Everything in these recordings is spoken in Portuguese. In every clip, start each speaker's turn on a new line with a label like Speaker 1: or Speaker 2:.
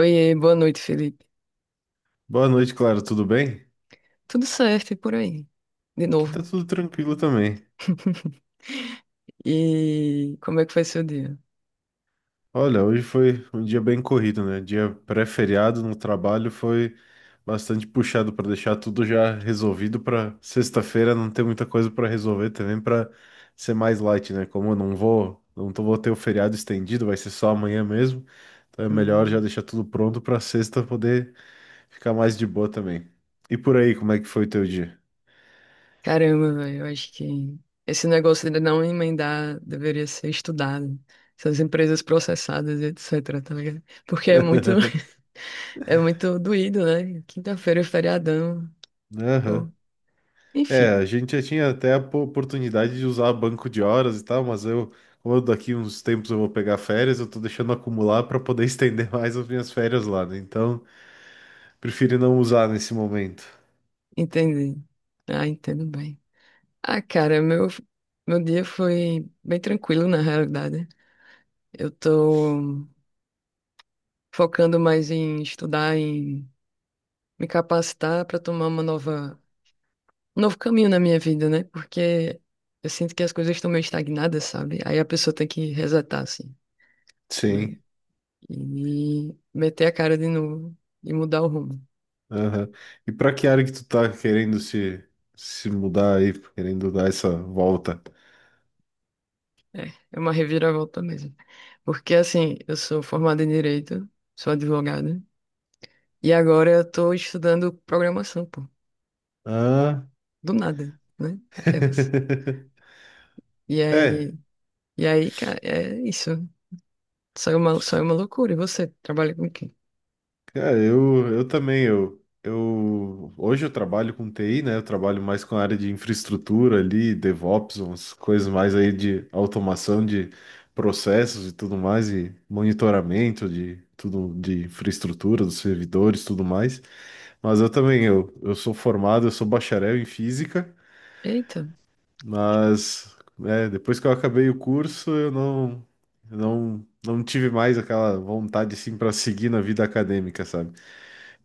Speaker 1: Oiê, boa noite, Felipe.
Speaker 2: Boa noite, Clara, tudo bem?
Speaker 1: Tudo certo e por aí? De
Speaker 2: Aqui tá
Speaker 1: novo.
Speaker 2: tudo tranquilo também.
Speaker 1: E como é que foi seu dia?
Speaker 2: Olha, hoje foi um dia bem corrido, né? Dia pré-feriado no trabalho foi bastante puxado para deixar tudo já resolvido para sexta-feira não ter muita coisa para resolver também para ser mais light, né? Como eu não vou, não tô, vou ter o feriado estendido, vai ser só amanhã mesmo. Então é melhor já
Speaker 1: Hum.
Speaker 2: deixar tudo pronto para sexta poder ficar mais de boa também. E por aí, como é que foi o teu dia?
Speaker 1: Caramba, velho, eu acho que esse negócio de não emendar deveria ser estudado. Essas empresas processadas, e etc, tá ligado? Porque é muito, é muito doído, né? Quinta-feira é feriadão,
Speaker 2: Aham.
Speaker 1: pô.
Speaker 2: É,
Speaker 1: Enfim,
Speaker 2: a gente já tinha até a oportunidade de usar banco de horas e tal, mas como eu daqui uns tempos eu vou pegar férias, eu tô deixando acumular para poder estender mais as minhas férias lá, né? Então, prefiro não usar nesse momento.
Speaker 1: entendi. Ah, entendo bem. Ah, cara, meu dia foi bem tranquilo, na realidade. Eu tô focando mais em estudar, em me capacitar para tomar um novo caminho na minha vida, né? Porque eu sinto que as coisas estão meio estagnadas, sabe? Aí a pessoa tem que resetar, assim, né?
Speaker 2: Sim.
Speaker 1: E meter a cara de novo e mudar o rumo.
Speaker 2: Aham. E para que área que tu tá querendo se mudar aí, querendo dar essa volta?
Speaker 1: É, é uma reviravolta mesmo. Porque, assim, eu sou formada em Direito, sou advogada, e agora eu tô estudando programação, pô.
Speaker 2: Ah.
Speaker 1: Do nada, né? Aquelas. E
Speaker 2: É,
Speaker 1: aí, e aí, cara, é isso. Saiu uma loucura. E você trabalha com quem?
Speaker 2: cara, eu também, eu hoje eu trabalho com TI, né? Eu trabalho mais com a área de infraestrutura ali, DevOps, umas coisas mais aí de automação de processos e tudo mais, e monitoramento de tudo de infraestrutura, dos servidores, tudo mais. Mas eu também, eu sou formado, eu sou bacharel em física,
Speaker 1: Eita. que-
Speaker 2: mas né, depois que eu acabei o curso, eu não tive mais aquela vontade assim para seguir na vida acadêmica, sabe?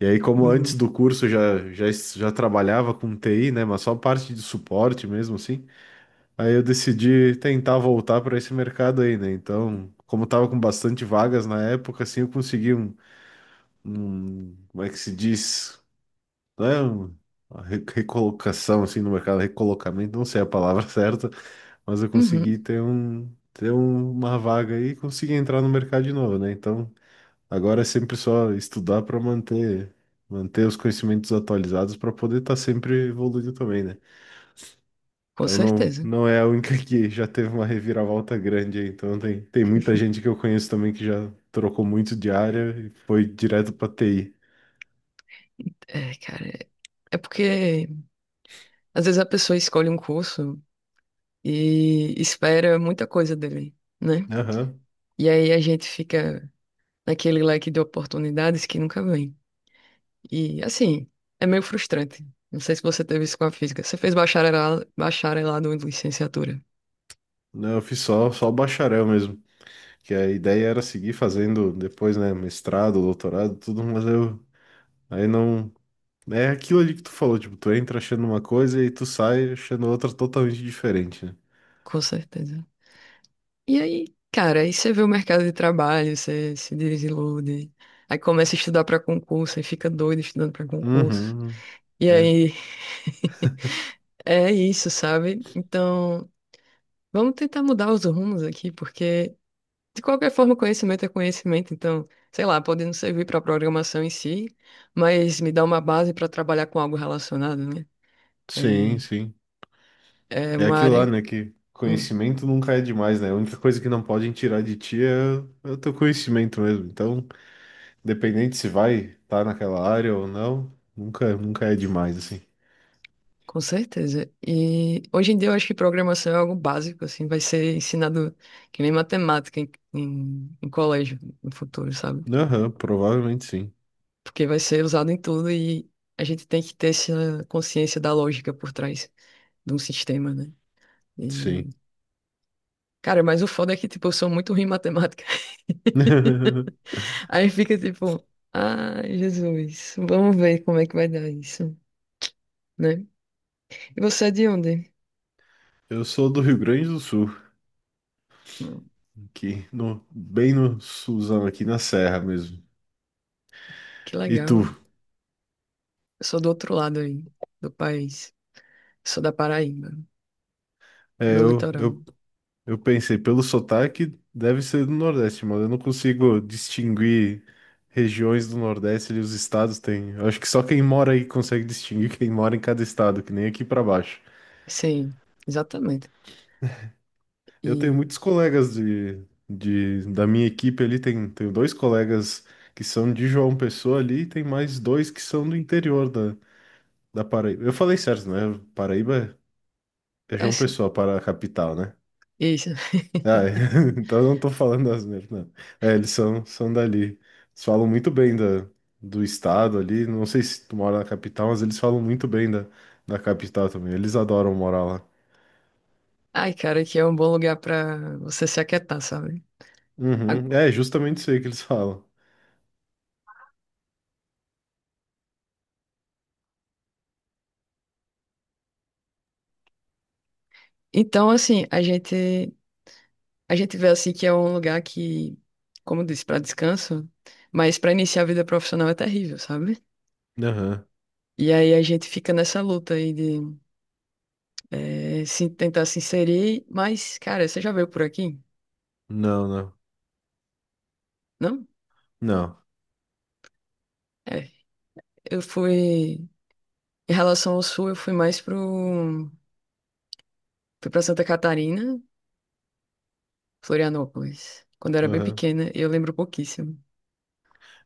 Speaker 2: E aí, como antes
Speaker 1: Uhum.
Speaker 2: do curso já trabalhava com TI, né? Mas só parte de suporte mesmo, assim. Aí eu decidi tentar voltar para esse mercado aí, né? Então, como tava com bastante vagas na época, assim, eu consegui como é que se diz? Não é uma recolocação, assim, no mercado, recolocamento, não sei a palavra certa, mas eu consegui
Speaker 1: Uhum.
Speaker 2: ter uma vaga aí e consegui entrar no mercado de novo, né? Então, agora é sempre só estudar para manter os conhecimentos atualizados para poder estar sempre evoluindo também, né?
Speaker 1: Com
Speaker 2: Então não
Speaker 1: certeza.
Speaker 2: não é a única que já teve uma reviravolta grande aí. Então tem muita gente que eu conheço também que já trocou muito de área e foi direto para TI.
Speaker 1: É, cara. É porque às vezes a pessoa escolhe um curso e espera muita coisa dele, né?
Speaker 2: Aham.
Speaker 1: E aí a gente fica naquele leque de oportunidades que nunca vem. E assim, é meio frustrante. Não sei se você teve isso com a física. Você fez bacharelado, bacharelado em licenciatura.
Speaker 2: Não, eu fiz só bacharel mesmo, que a ideia era seguir fazendo depois, né, mestrado, doutorado, tudo, mas eu aí não é aquilo ali que tu falou, tipo, tu entra achando uma coisa e tu sai achando outra totalmente diferente, né?
Speaker 1: Com certeza. E aí, cara, aí você vê o mercado de trabalho, você se desilude. Aí começa a estudar pra concurso, aí fica doido estudando pra concurso.
Speaker 2: Uhum.
Speaker 1: E
Speaker 2: É.
Speaker 1: aí, é isso, sabe? Então, vamos tentar mudar os rumos aqui, porque de qualquer forma, conhecimento é conhecimento. Então, sei lá, pode não servir pra programação em si, mas me dá uma base pra trabalhar com algo relacionado, né?
Speaker 2: Sim,
Speaker 1: É,
Speaker 2: sim.
Speaker 1: é
Speaker 2: É
Speaker 1: uma
Speaker 2: aquilo lá,
Speaker 1: área.
Speaker 2: né? Que
Speaker 1: Hum.
Speaker 2: conhecimento nunca é demais, né? A única coisa que não podem tirar de ti é, é o teu conhecimento mesmo. Então, independente se vai estar naquela área ou não, nunca, nunca é demais, assim.
Speaker 1: Com certeza. E hoje em dia eu acho que programação é algo básico, assim, vai ser ensinado que nem matemática em colégio no futuro, sabe?
Speaker 2: Aham, provavelmente sim.
Speaker 1: Porque vai ser usado em tudo e a gente tem que ter essa consciência da lógica por trás de um sistema, né? E,
Speaker 2: Sim.
Speaker 1: cara, mas o foda é que, tipo, eu sou muito ruim em matemática. Aí fica tipo, ai, Jesus, vamos ver como é que vai dar isso, né? E você é de onde?
Speaker 2: Eu sou do Rio Grande do Sul,
Speaker 1: Hum.
Speaker 2: aqui no, bem no Suzão, aqui na Serra mesmo.
Speaker 1: Que
Speaker 2: E
Speaker 1: legal.
Speaker 2: tu?
Speaker 1: Eu sou do outro lado aí, do país. Sou da Paraíba,
Speaker 2: É,
Speaker 1: no
Speaker 2: eu,
Speaker 1: litoral.
Speaker 2: eu Eu pensei, pelo sotaque, deve ser do Nordeste, mano. Eu não consigo distinguir regiões do Nordeste ali, os estados têm. Eu acho que só quem mora aí consegue distinguir quem mora em cada estado, que nem aqui pra baixo.
Speaker 1: Sim, exatamente.
Speaker 2: Eu tenho
Speaker 1: E
Speaker 2: muitos colegas da minha equipe ali, tenho dois colegas que são de João Pessoa ali, e tem mais dois que são do interior da Paraíba. Eu falei certo, né? Paraíba é João
Speaker 1: essa,
Speaker 2: Pessoa, para a capital, né?
Speaker 1: isso.
Speaker 2: Ah, então eu não tô falando asneira, não. É, eles são, são dali. Eles falam muito bem do estado ali. Não sei se tu mora na capital, mas eles falam muito bem da capital também. Eles adoram morar lá.
Speaker 1: Ai, cara, que é um bom lugar pra você se aquietar, sabe? A-
Speaker 2: Uhum. É, justamente isso aí que eles falam.
Speaker 1: Então, assim, a gente vê assim que é um lugar que, como eu disse, pra descanso, mas pra iniciar a vida profissional é terrível, sabe?
Speaker 2: Aham.
Speaker 1: E aí a gente fica nessa luta aí de se tentar se inserir, mas, cara, você já veio por aqui?
Speaker 2: Não, não.
Speaker 1: Não?
Speaker 2: Não.
Speaker 1: É. Eu fui em relação ao sul, eu fui mais pro Fui pra Santa Catarina, Florianópolis, quando eu era bem
Speaker 2: Aham.
Speaker 1: pequena, e eu lembro pouquíssimo.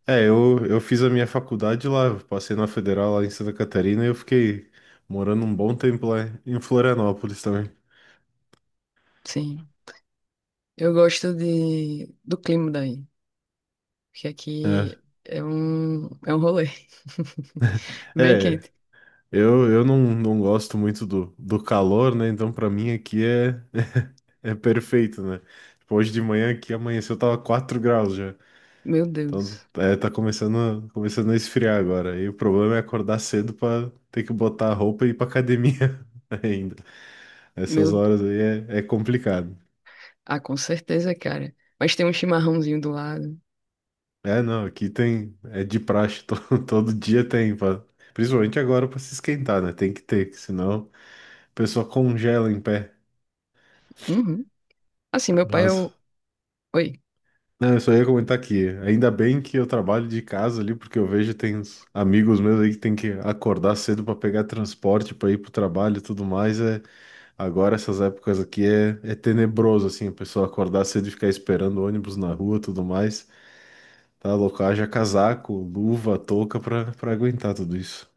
Speaker 2: É, eu fiz a minha faculdade lá, eu passei na Federal lá em Santa Catarina e eu fiquei morando um bom tempo lá em Florianópolis também.
Speaker 1: Sim. Eu gosto do clima daí, porque
Speaker 2: É.
Speaker 1: aqui é um, rolê. Bem
Speaker 2: É,
Speaker 1: quente.
Speaker 2: eu não gosto muito do calor, né? Então, pra mim aqui é, é perfeito, né? Tipo, hoje de manhã aqui amanheceu, tava 4 graus já.
Speaker 1: Meu
Speaker 2: Então,
Speaker 1: Deus.
Speaker 2: é, tá começando, começando a esfriar agora. E o problema é acordar cedo pra ter que botar a roupa e ir pra academia ainda. Essas
Speaker 1: Meu,
Speaker 2: horas aí é, é complicado.
Speaker 1: ah, com certeza, cara. Mas tem um chimarrãozinho do lado.
Speaker 2: É, não, aqui tem, é de praxe, todo dia tem, pra, principalmente agora pra se esquentar, né? Tem que ter, que senão a pessoa congela em pé.
Speaker 1: Uhum. Assim, meu pai é
Speaker 2: Mas
Speaker 1: o... Oi.
Speaker 2: não, eu só ia comentar aqui. Ainda bem que eu trabalho de casa ali, porque eu vejo tem uns amigos meus aí que tem que acordar cedo para pegar transporte para ir pro trabalho e tudo mais. É, agora essas épocas aqui é, é tenebroso assim, a pessoa acordar cedo e ficar esperando ônibus na rua, e tudo mais. Tá louco, haja casaco, luva, touca para aguentar tudo isso.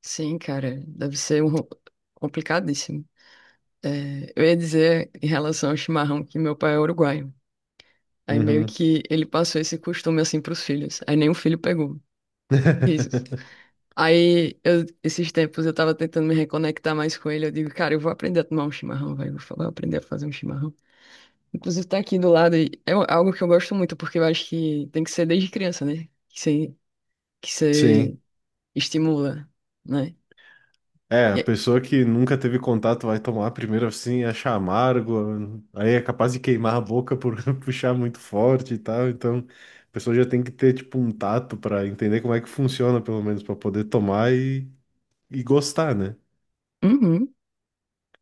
Speaker 1: Sim, cara. Deve ser um... complicadíssimo. É, eu ia dizer em relação ao chimarrão que meu pai é uruguaio. Aí meio
Speaker 2: Uhum.
Speaker 1: que ele passou esse costume assim pros filhos. Aí nenhum filho pegou. Risos. Aí, esses tempos eu tava tentando me reconectar mais com ele. Eu digo, cara, eu vou aprender a tomar um chimarrão, vai. Eu vou aprender a fazer um chimarrão. Inclusive, tá aqui do lado. E algo que eu gosto muito, porque eu acho que tem que ser desde criança, né? Que você
Speaker 2: Sim.
Speaker 1: estimula, né?
Speaker 2: É,
Speaker 1: E
Speaker 2: a
Speaker 1: aí,
Speaker 2: pessoa que nunca teve contato vai tomar primeiro assim, achar amargo, aí é capaz de queimar a boca por puxar muito forte e tal. Então, a pessoa já tem que ter tipo um tato para entender como é que funciona, pelo menos para poder tomar e gostar, né?
Speaker 1: uhum.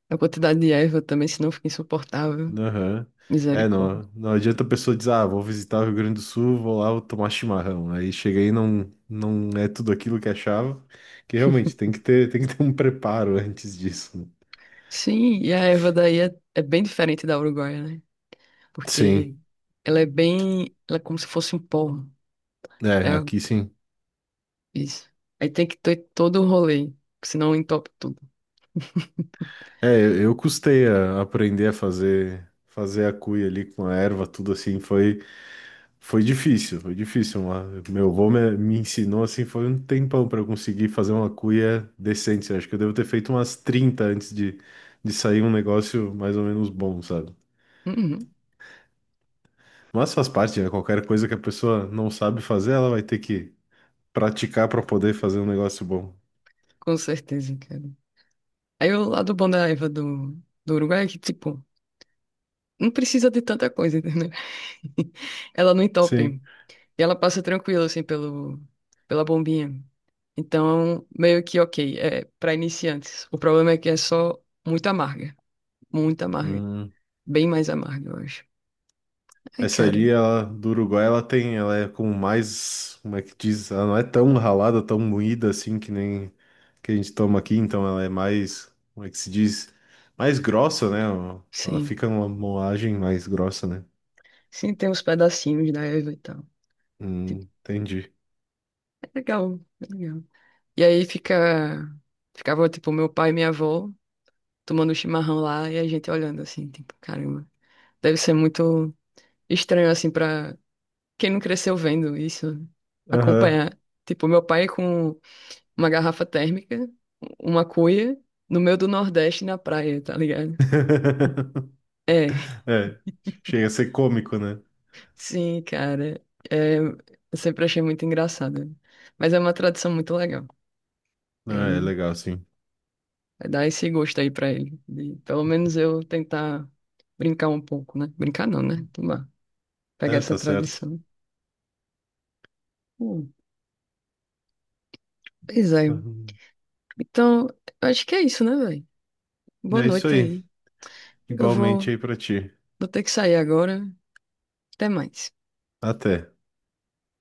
Speaker 1: A quantidade de erva também, senão fica insuportável.
Speaker 2: Aham. É,
Speaker 1: Misericórdia.
Speaker 2: não, não adianta a pessoa dizer, ah, vou visitar o Rio Grande do Sul, vou lá, vou tomar chimarrão. Aí chega aí e não é tudo aquilo que achava, que realmente tem que ter um preparo antes disso, né?
Speaker 1: Sim, e a erva daí é bem diferente da uruguaia, né?
Speaker 2: Sim,
Speaker 1: Porque ela é bem, ela é como se fosse um pó.
Speaker 2: é,
Speaker 1: É
Speaker 2: aqui sim.
Speaker 1: isso. Aí tem que ter todo o rolê, senão entope tudo.
Speaker 2: É, eu custei a aprender a fazer a cuia ali com a erva, tudo assim, foi difícil, foi difícil, mas meu avô me ensinou assim, foi um tempão para eu conseguir fazer uma cuia decente. Acho que eu devo ter feito umas 30 antes de sair um negócio mais ou menos bom, sabe?
Speaker 1: Uhum,
Speaker 2: Mas faz parte, né? Qualquer coisa que a pessoa não sabe fazer, ela vai ter que praticar para poder fazer um negócio bom.
Speaker 1: com certeza, cara. Aí o lado bom da erva do, Uruguai é que, tipo, não precisa de tanta coisa, entendeu? Ela não entope.
Speaker 2: Sim.
Speaker 1: E ela passa tranquila, assim, pelo, pela bombinha. Então, meio que ok, é para iniciantes. O problema é que é só muito amarga, muito amarga,
Speaker 2: Hum.
Speaker 1: bem mais amarga, eu acho. Ai,
Speaker 2: Essa
Speaker 1: cara,
Speaker 2: ali, ela, do Uruguai, ela tem, ela é como mais, como é que diz? Ela não é tão ralada, tão moída assim que nem que a gente toma aqui, então ela é mais, como é que se diz? Mais grossa, né? Ela
Speaker 1: sim.
Speaker 2: fica numa moagem mais grossa, né?
Speaker 1: Sim, tem uns pedacinhos da Eva e tal. Tipo,
Speaker 2: Entendi.
Speaker 1: é legal, é legal. E aí ficava tipo meu pai e minha avó tomando chimarrão lá e a gente olhando assim, tipo, caramba. Deve ser muito estranho assim pra quem não cresceu vendo isso,
Speaker 2: Aham.
Speaker 1: acompanhar. Tipo, meu pai com uma garrafa térmica, uma cuia, no meio do Nordeste na praia, tá ligado? É,
Speaker 2: É, chega a ser cômico, né?
Speaker 1: sim, cara. É, eu sempre achei muito engraçado. Mas é uma tradição muito legal.
Speaker 2: Ah, é
Speaker 1: Aí
Speaker 2: legal, sim.
Speaker 1: vai dar esse gosto aí pra ele. De, pelo menos eu tentar brincar um pouco, né? Brincar não, né? Tomar. Pegar
Speaker 2: É,
Speaker 1: essa
Speaker 2: tá certo.
Speaker 1: tradição. Hum, pois é.
Speaker 2: Uhum.
Speaker 1: Então, eu acho que é isso, né, velho? Boa
Speaker 2: É isso
Speaker 1: noite
Speaker 2: aí.
Speaker 1: aí. Eu
Speaker 2: Igualmente
Speaker 1: vou,
Speaker 2: aí pra ti.
Speaker 1: vou ter que sair agora. Até mais.
Speaker 2: Até.